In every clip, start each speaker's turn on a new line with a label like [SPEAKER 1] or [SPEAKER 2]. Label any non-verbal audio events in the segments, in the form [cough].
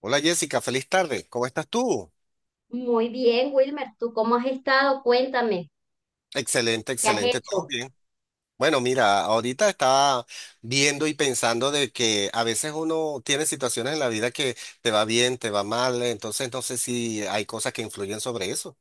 [SPEAKER 1] Hola Jessica, feliz tarde. ¿Cómo estás tú?
[SPEAKER 2] Muy bien, Wilmer, ¿tú cómo has estado? Cuéntame,
[SPEAKER 1] Excelente,
[SPEAKER 2] ¿qué has
[SPEAKER 1] excelente, todo
[SPEAKER 2] hecho?
[SPEAKER 1] bien. Bueno, mira, ahorita estaba viendo y pensando de que a veces uno tiene situaciones en la vida que te va bien, te va mal, entonces no sé si hay cosas que influyen sobre eso.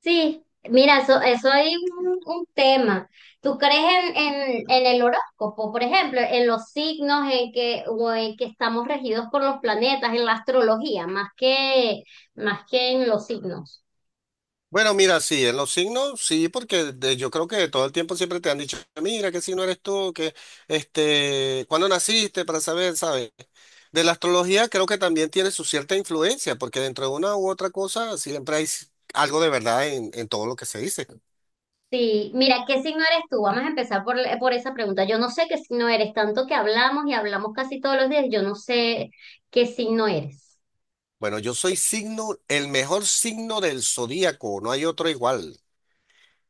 [SPEAKER 2] Sí, mira, eso hay un tema. ¿Tú crees en el horóscopo, por ejemplo, en los signos en que, o en que estamos regidos por los planetas, en la astrología, más que en los signos?
[SPEAKER 1] Bueno, mira, sí, en los signos, sí, porque yo creo que todo el tiempo siempre te han dicho, mira, qué signo eres tú, que, este, cuándo naciste, para saber, ¿sabes? De la astrología creo que también tiene su cierta influencia, porque dentro de una u otra cosa siempre hay algo de verdad en todo lo que se dice.
[SPEAKER 2] Sí, mira, ¿qué signo eres tú? Vamos a empezar por esa pregunta. Yo no sé qué signo eres, tanto que hablamos y hablamos casi todos los días, yo no sé qué signo eres.
[SPEAKER 1] Bueno, yo soy signo, el mejor signo del zodíaco, no hay otro igual.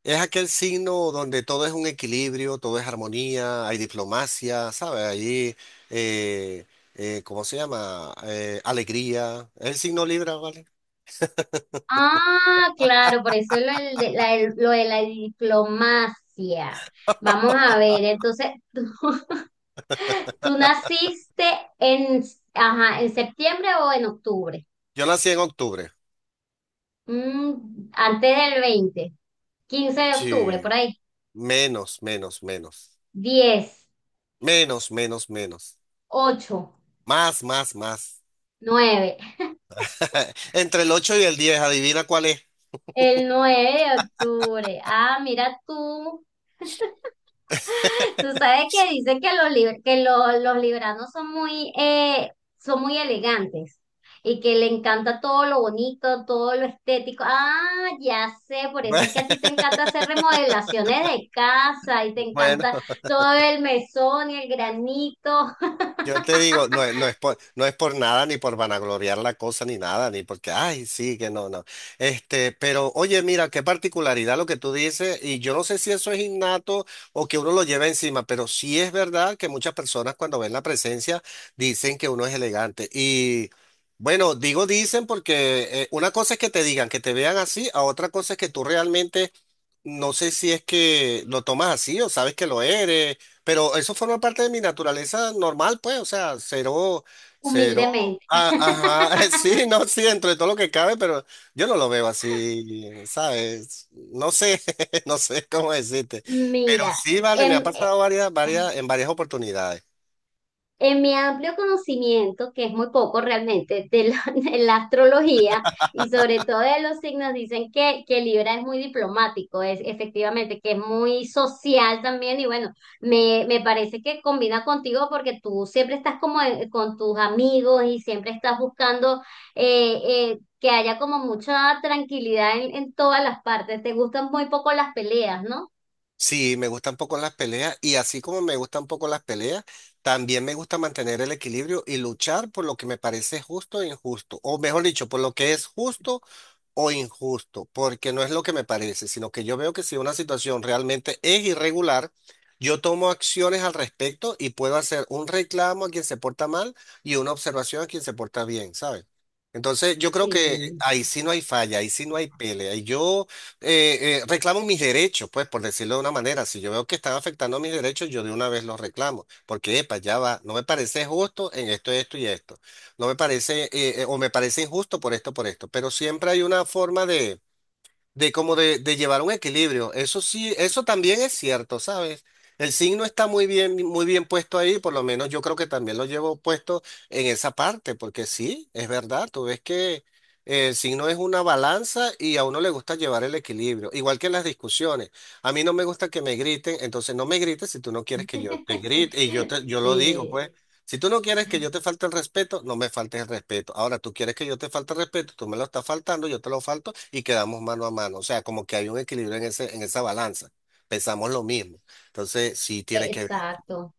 [SPEAKER 1] Es aquel signo donde todo es un equilibrio, todo es armonía, hay diplomacia, ¿sabes? Allí, eh, ¿cómo se llama? Alegría. Es el signo Libra, ¿vale?
[SPEAKER 2] Ah, claro, por eso lo de la diplomacia. Vamos a ver, entonces, [laughs] ¿tú, tú naciste en, ajá, en septiembre o en octubre?
[SPEAKER 1] Yo nací en octubre.
[SPEAKER 2] Mm, antes del 20, 15 de octubre,
[SPEAKER 1] Sí,
[SPEAKER 2] por ahí.
[SPEAKER 1] menos, menos, menos.
[SPEAKER 2] 10,
[SPEAKER 1] Menos, menos, menos.
[SPEAKER 2] 8,
[SPEAKER 1] Más, más, más.
[SPEAKER 2] 9.
[SPEAKER 1] [laughs] Entre el 8 y el 10, adivina cuál es.
[SPEAKER 2] El 9 de octubre. Ah, mira tú. Tú sabes que dicen que los libranos son muy elegantes y que le encanta todo lo bonito, todo lo estético. Ah, ya sé, por eso es que a ti te encanta hacer
[SPEAKER 1] [laughs]
[SPEAKER 2] remodelaciones de casa y te
[SPEAKER 1] Bueno,
[SPEAKER 2] encanta todo el mesón y el granito,
[SPEAKER 1] yo te digo, no, no es por, no es por nada, ni por vanagloriar la cosa, ni nada, ni porque, ay, sí, que no, no. Este, pero oye, mira, qué particularidad lo que tú dices, y yo no sé si eso es innato o que uno lo lleva encima, pero sí es verdad que muchas personas cuando ven la presencia dicen que uno es elegante. Y bueno, digo dicen porque una cosa es que te digan, que te vean así, a otra cosa es que tú realmente. No sé si es que lo tomas así o sabes que lo eres, pero eso forma parte de mi naturaleza normal, pues, o sea, cero, cero.
[SPEAKER 2] humildemente.
[SPEAKER 1] Ah,
[SPEAKER 2] [laughs]
[SPEAKER 1] ajá, [laughs] sí, no, sí, dentro de todo lo que cabe, pero yo no lo veo así, ¿sabes? No sé, [laughs] no sé cómo decirte. Pero
[SPEAKER 2] Mira,
[SPEAKER 1] sí, vale, me
[SPEAKER 2] em,
[SPEAKER 1] ha
[SPEAKER 2] eh,
[SPEAKER 1] pasado varias, varias, en varias oportunidades.
[SPEAKER 2] En mi amplio conocimiento, que es muy poco realmente, [laughs] de la astrología y sobre todo de los signos, dicen que Libra es muy diplomático, es efectivamente, que es muy social también y bueno, me parece que combina contigo porque tú siempre estás como con tus amigos y siempre estás buscando eh, que haya como mucha tranquilidad en todas las partes. Te gustan muy poco las peleas, ¿no?
[SPEAKER 1] Sí, me gustan poco las peleas y así como me gustan poco las peleas, también me gusta mantener el equilibrio y luchar por lo que me parece justo e injusto, o mejor dicho, por lo que es justo o injusto, porque no es lo que me parece, sino que yo veo que si una situación realmente es irregular, yo tomo acciones al respecto y puedo hacer un reclamo a quien se porta mal y una observación a quien se porta bien, ¿sabes? Entonces, yo creo que
[SPEAKER 2] Sí.
[SPEAKER 1] ahí sí no hay falla, ahí sí no hay pelea. Y yo reclamo mis derechos, pues, por decirlo de una manera. Si yo veo que están afectando mis derechos, yo de una vez los reclamo, porque, epa, ya va, no me parece justo en esto, esto y esto. No me parece, o me parece injusto por esto, pero siempre hay una forma de llevar un equilibrio. Eso sí, eso también es cierto, ¿sabes? El signo está muy bien puesto ahí, por lo menos yo creo que también lo llevo puesto en esa parte, porque sí, es verdad, tú ves que el signo es una balanza y a uno le gusta llevar el equilibrio, igual que en las discusiones. A mí no me gusta que me griten, entonces no me grites si tú no quieres que yo te grite, y
[SPEAKER 2] [laughs]
[SPEAKER 1] yo lo digo,
[SPEAKER 2] Sí,
[SPEAKER 1] pues. Si tú no quieres que yo te falte el respeto, no me faltes el respeto. Ahora, tú quieres que yo te falte el respeto, tú me lo estás faltando, yo te lo falto y quedamos mano a mano. O sea, como que hay un equilibrio en esa balanza. Pensamos lo mismo. Entonces, sí tiene que ver.
[SPEAKER 2] exacto.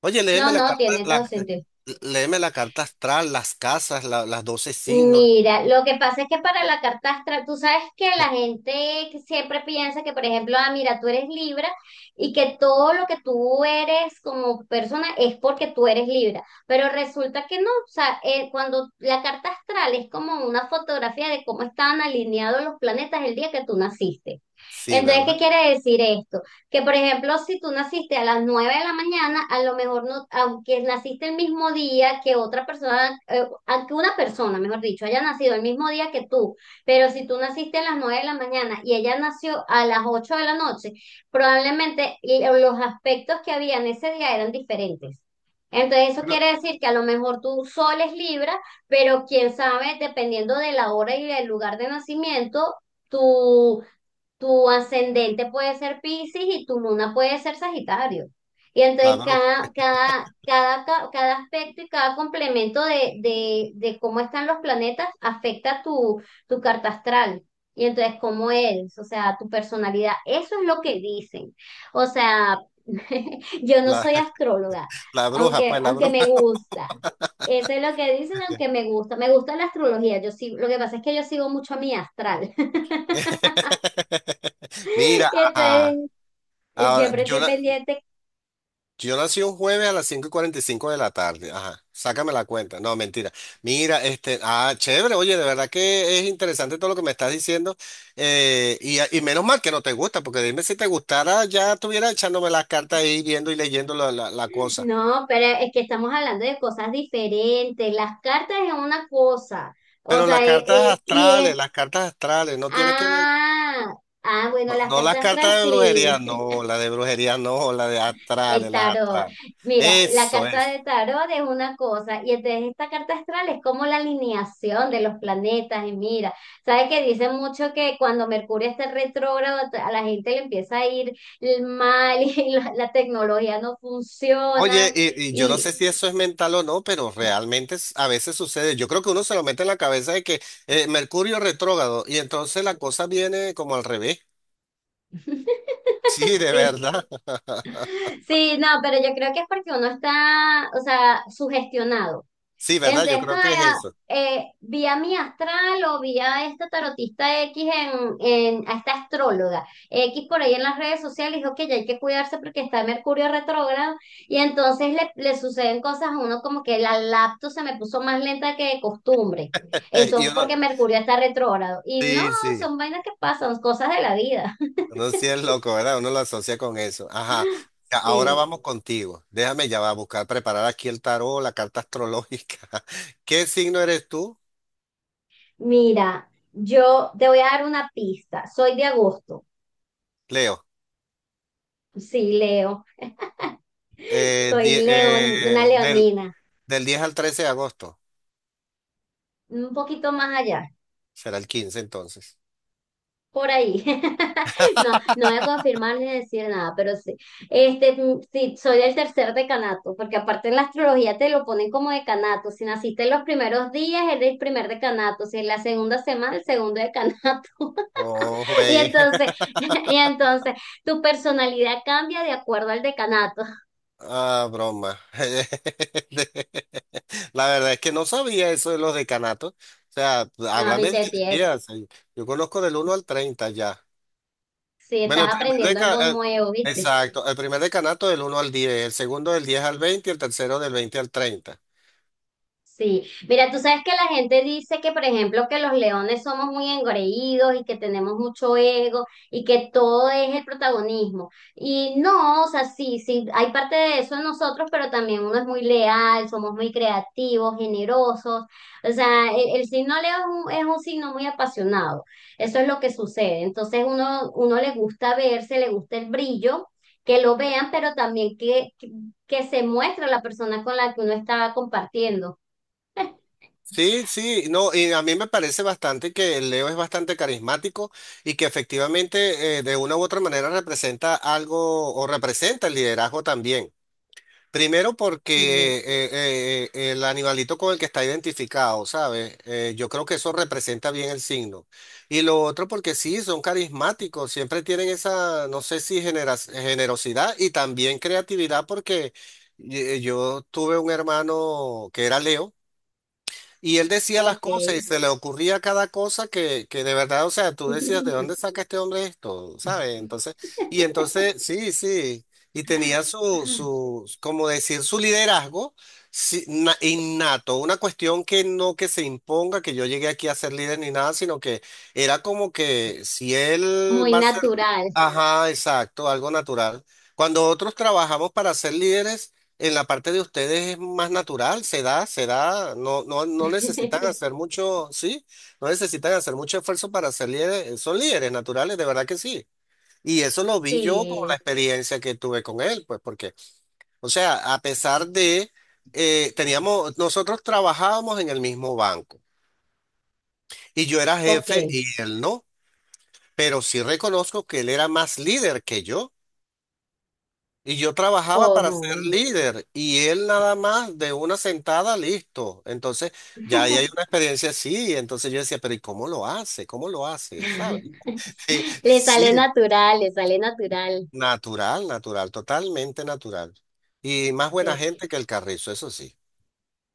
[SPEAKER 1] Oye, léeme
[SPEAKER 2] No, no, tiene todo sentido.
[SPEAKER 1] léeme la carta astral, las casas, las 12 signos.
[SPEAKER 2] Mira, lo que pasa es que para la carta astral, tú sabes que la
[SPEAKER 1] [laughs]
[SPEAKER 2] gente que siempre piensa que, por ejemplo, ah, mira, tú eres Libra y que todo lo que tú eres como persona es porque tú eres Libra, pero resulta que no, o sea, cuando la carta astral es como una fotografía de cómo estaban alineados los planetas el día que tú naciste.
[SPEAKER 1] Sí,
[SPEAKER 2] Entonces, ¿qué
[SPEAKER 1] ¿verdad?
[SPEAKER 2] quiere decir esto? Que por ejemplo, si tú naciste a las 9 de la mañana, a lo mejor no, aunque naciste el mismo día que otra persona, aunque una persona, mejor dicho, haya nacido el mismo día que tú, pero si tú naciste a las 9 de la mañana y ella nació a las 8 de la noche, probablemente los aspectos que había en ese día eran diferentes. Entonces eso
[SPEAKER 1] Bueno,
[SPEAKER 2] quiere decir que a lo mejor tu sol es Libra, pero quién sabe, dependiendo de la hora y del lugar de nacimiento, tu tu ascendente puede ser Piscis y tu luna puede ser Sagitario. Y
[SPEAKER 1] la
[SPEAKER 2] entonces
[SPEAKER 1] bruja,
[SPEAKER 2] cada aspecto y cada complemento de cómo están los planetas afecta tu carta astral. Y entonces cómo eres, o sea, tu personalidad. Eso es lo que dicen. O sea, [laughs] yo no
[SPEAKER 1] la,
[SPEAKER 2] soy astróloga,
[SPEAKER 1] la bruja,
[SPEAKER 2] aunque,
[SPEAKER 1] pues la
[SPEAKER 2] aunque
[SPEAKER 1] bruja.
[SPEAKER 2] me gusta. Eso es lo que dicen, aunque me gusta. Me gusta la astrología. Lo que pasa es que yo sigo mucho a mi astral. [laughs]
[SPEAKER 1] [laughs] Mira,
[SPEAKER 2] Y
[SPEAKER 1] ajá.
[SPEAKER 2] entonces
[SPEAKER 1] Ahora,
[SPEAKER 2] siempre
[SPEAKER 1] yo
[SPEAKER 2] estoy
[SPEAKER 1] la,
[SPEAKER 2] pendiente. [laughs]
[SPEAKER 1] Yo nací un jueves a las 5 y 45 de la tarde. Ajá, sácame la cuenta. No, mentira. Mira, este, ah, chévere, oye, de verdad que es interesante todo lo que me estás diciendo. Y, y menos mal que no te gusta, porque dime si te gustara, ya estuviera echándome las cartas ahí, viendo y leyendo la cosa.
[SPEAKER 2] No, pero es que estamos hablando de cosas diferentes. Las cartas es una cosa. O
[SPEAKER 1] Pero
[SPEAKER 2] sea, y es.
[SPEAKER 1] las cartas astrales no tiene que ver,
[SPEAKER 2] Ah, ah, bueno,
[SPEAKER 1] no,
[SPEAKER 2] las
[SPEAKER 1] no las
[SPEAKER 2] cartas astrales
[SPEAKER 1] cartas de brujería,
[SPEAKER 2] sí, [laughs]
[SPEAKER 1] no, la de brujería, no, la de
[SPEAKER 2] de
[SPEAKER 1] astrales, las
[SPEAKER 2] tarot.
[SPEAKER 1] astrales.
[SPEAKER 2] Mira, la
[SPEAKER 1] Eso
[SPEAKER 2] carta
[SPEAKER 1] es.
[SPEAKER 2] de tarot es una cosa. Y entonces esta carta astral es como la alineación de los planetas. Y mira, ¿sabes que dicen mucho que cuando Mercurio está retrógrado, a la gente le empieza a ir mal [laughs] y la tecnología no
[SPEAKER 1] Oye,
[SPEAKER 2] funciona?
[SPEAKER 1] y yo no
[SPEAKER 2] Y,
[SPEAKER 1] sé si eso es mental o no, pero realmente a veces sucede. Yo creo que uno se lo mete en la cabeza de que Mercurio retrógrado y entonces la cosa viene como al revés. [laughs] Sí, de
[SPEAKER 2] Sí,
[SPEAKER 1] verdad. [laughs]
[SPEAKER 2] sí, no, pero yo creo que es porque uno está, o sea, sugestionado.
[SPEAKER 1] Sí, ¿verdad? Yo
[SPEAKER 2] Entonces,
[SPEAKER 1] creo
[SPEAKER 2] como,
[SPEAKER 1] que es eso. [laughs]
[SPEAKER 2] vi a mi astral o vi a esta tarotista X a esta astróloga X por ahí en las redes sociales, dijo que ya hay que cuidarse porque está Mercurio retrógrado y entonces le suceden cosas a uno como que la laptop se me puso más lenta que de costumbre. Eso
[SPEAKER 1] y
[SPEAKER 2] es
[SPEAKER 1] uno,
[SPEAKER 2] porque Mercurio está retrógrado. Y no,
[SPEAKER 1] sí, sí,
[SPEAKER 2] son vainas que pasan, cosas de la vida.
[SPEAKER 1] uno sí es loco, ¿verdad? Uno lo asocia con eso. Ajá.
[SPEAKER 2] [laughs]
[SPEAKER 1] Ya, ahora
[SPEAKER 2] Sí.
[SPEAKER 1] vamos contigo. Déjame ya va a buscar, preparar aquí el tarot, la carta astrológica. [laughs] ¿Qué signo eres tú,
[SPEAKER 2] Mira, yo te voy a dar una pista. Soy de agosto.
[SPEAKER 1] Leo?
[SPEAKER 2] Sí, Leo. [laughs]
[SPEAKER 1] Eh,
[SPEAKER 2] Soy
[SPEAKER 1] di-
[SPEAKER 2] león,
[SPEAKER 1] eh,
[SPEAKER 2] una
[SPEAKER 1] del,
[SPEAKER 2] leonina.
[SPEAKER 1] Del 10 al 13 de agosto.
[SPEAKER 2] Un poquito más allá.
[SPEAKER 1] Será el 15, entonces.
[SPEAKER 2] Por ahí. [laughs] No, no voy a
[SPEAKER 1] [laughs]
[SPEAKER 2] confirmar ni decir nada, pero sí. Sí, soy del tercer decanato, porque aparte en la astrología te lo ponen como decanato. Si naciste en los primeros días, eres el primer decanato. Si en la segunda semana, el segundo decanato.
[SPEAKER 1] No
[SPEAKER 2] [laughs] Y
[SPEAKER 1] juegue.
[SPEAKER 2] entonces,
[SPEAKER 1] [laughs]
[SPEAKER 2] [laughs] y entonces, tu personalidad cambia de acuerdo al decanato.
[SPEAKER 1] Ah, broma. [laughs] La verdad es que no sabía eso de los decanatos. O sea,
[SPEAKER 2] Ah,
[SPEAKER 1] háblame de
[SPEAKER 2] viste, tía,
[SPEAKER 1] días. Yo conozco del 1 al 30 ya.
[SPEAKER 2] si
[SPEAKER 1] Bueno,
[SPEAKER 2] estás aprendiendo algo nuevo, ¿viste?
[SPEAKER 1] exacto, el primer decanato del 1 al 10, el segundo del 10 al 20, y el tercero del 20 al 30.
[SPEAKER 2] Sí, mira, tú sabes que la gente dice que, por ejemplo, que los leones somos muy engreídos y que tenemos mucho ego y que todo es el protagonismo. Y no, o sea, sí, sí, hay parte de eso en nosotros, pero también uno es muy leal, somos muy creativos, generosos. O sea, el signo Leo es un, signo muy apasionado. Eso es lo que sucede. Entonces, uno le gusta verse, le gusta el brillo, que lo vean, pero también que se muestre la persona con la que uno está compartiendo.
[SPEAKER 1] Sí, sí, no, y a mí me parece bastante que Leo es bastante carismático y que efectivamente de una u otra manera representa algo o representa el liderazgo también. Primero
[SPEAKER 2] Sí,
[SPEAKER 1] porque el animalito con el que está identificado, ¿sabes? Yo creo que eso representa bien el signo. Y lo otro porque sí, son carismáticos, siempre tienen esa, no sé si generosidad y también creatividad porque yo tuve un hermano que era Leo. Y él decía las cosas y
[SPEAKER 2] ok.
[SPEAKER 1] se le ocurría cada cosa que de verdad, o sea, tú decías, ¿de
[SPEAKER 2] [laughs]
[SPEAKER 1] dónde saca este hombre esto? ¿Sabes? Entonces, y entonces, sí, sí. Y tenía como decir, su liderazgo sí, innato, una cuestión que no que se imponga, que yo llegué aquí a ser líder ni nada, sino que era como que si él
[SPEAKER 2] Muy
[SPEAKER 1] va a ser,
[SPEAKER 2] natural.
[SPEAKER 1] ajá, exacto, algo natural. Cuando otros trabajamos para ser líderes, en la parte de ustedes es más natural, se da, no, no, no necesitan
[SPEAKER 2] [laughs]
[SPEAKER 1] hacer mucho, sí, no necesitan hacer mucho esfuerzo para ser líderes, son líderes naturales, de verdad que sí. Y eso lo vi yo con
[SPEAKER 2] Sí,
[SPEAKER 1] la experiencia que tuve con él, pues porque, o sea, a pesar de, teníamos, nosotros trabajábamos en el mismo banco y yo era
[SPEAKER 2] ok.
[SPEAKER 1] jefe y él no, pero sí reconozco que él era más líder que yo. Y yo trabajaba para ser
[SPEAKER 2] Ojo.
[SPEAKER 1] líder y él nada más de una sentada, listo. Entonces, ya ahí hay una
[SPEAKER 2] [laughs]
[SPEAKER 1] experiencia así. Entonces yo decía, pero ¿y cómo lo hace? ¿Cómo lo hace? ¿Sabes? [laughs] Sí,
[SPEAKER 2] Le sale
[SPEAKER 1] sí,
[SPEAKER 2] natural, le sale natural.
[SPEAKER 1] natural, natural, totalmente natural. Y más buena
[SPEAKER 2] Sí,
[SPEAKER 1] gente que el carrizo, eso sí.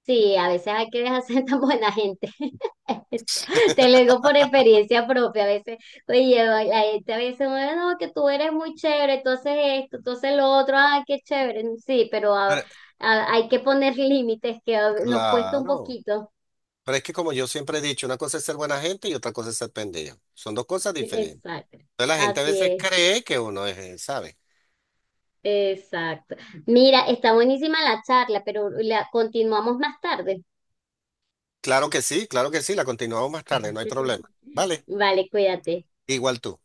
[SPEAKER 2] sí, a veces hay que dejar ser tan buena gente. [laughs] Eso, te lo digo por experiencia propia. A veces, oye, la gente a veces, bueno, no, que tú eres muy chévere, entonces esto, entonces lo otro, ah, qué chévere. Sí, pero
[SPEAKER 1] Pero
[SPEAKER 2] hay que poner límites que nos cuesta un
[SPEAKER 1] claro.
[SPEAKER 2] poquito.
[SPEAKER 1] Pero es que como yo siempre he dicho, una cosa es ser buena gente y otra cosa es ser pendejo. Son dos cosas diferentes.
[SPEAKER 2] Exacto,
[SPEAKER 1] Entonces la gente a veces
[SPEAKER 2] así
[SPEAKER 1] cree que uno es, ¿sabes?
[SPEAKER 2] es, exacto. Mira, está buenísima la charla, pero la continuamos más tarde.
[SPEAKER 1] Claro que sí, la continuamos más tarde, no hay problema.
[SPEAKER 2] [laughs]
[SPEAKER 1] ¿Vale?
[SPEAKER 2] Vale, cuídate.
[SPEAKER 1] Igual tú.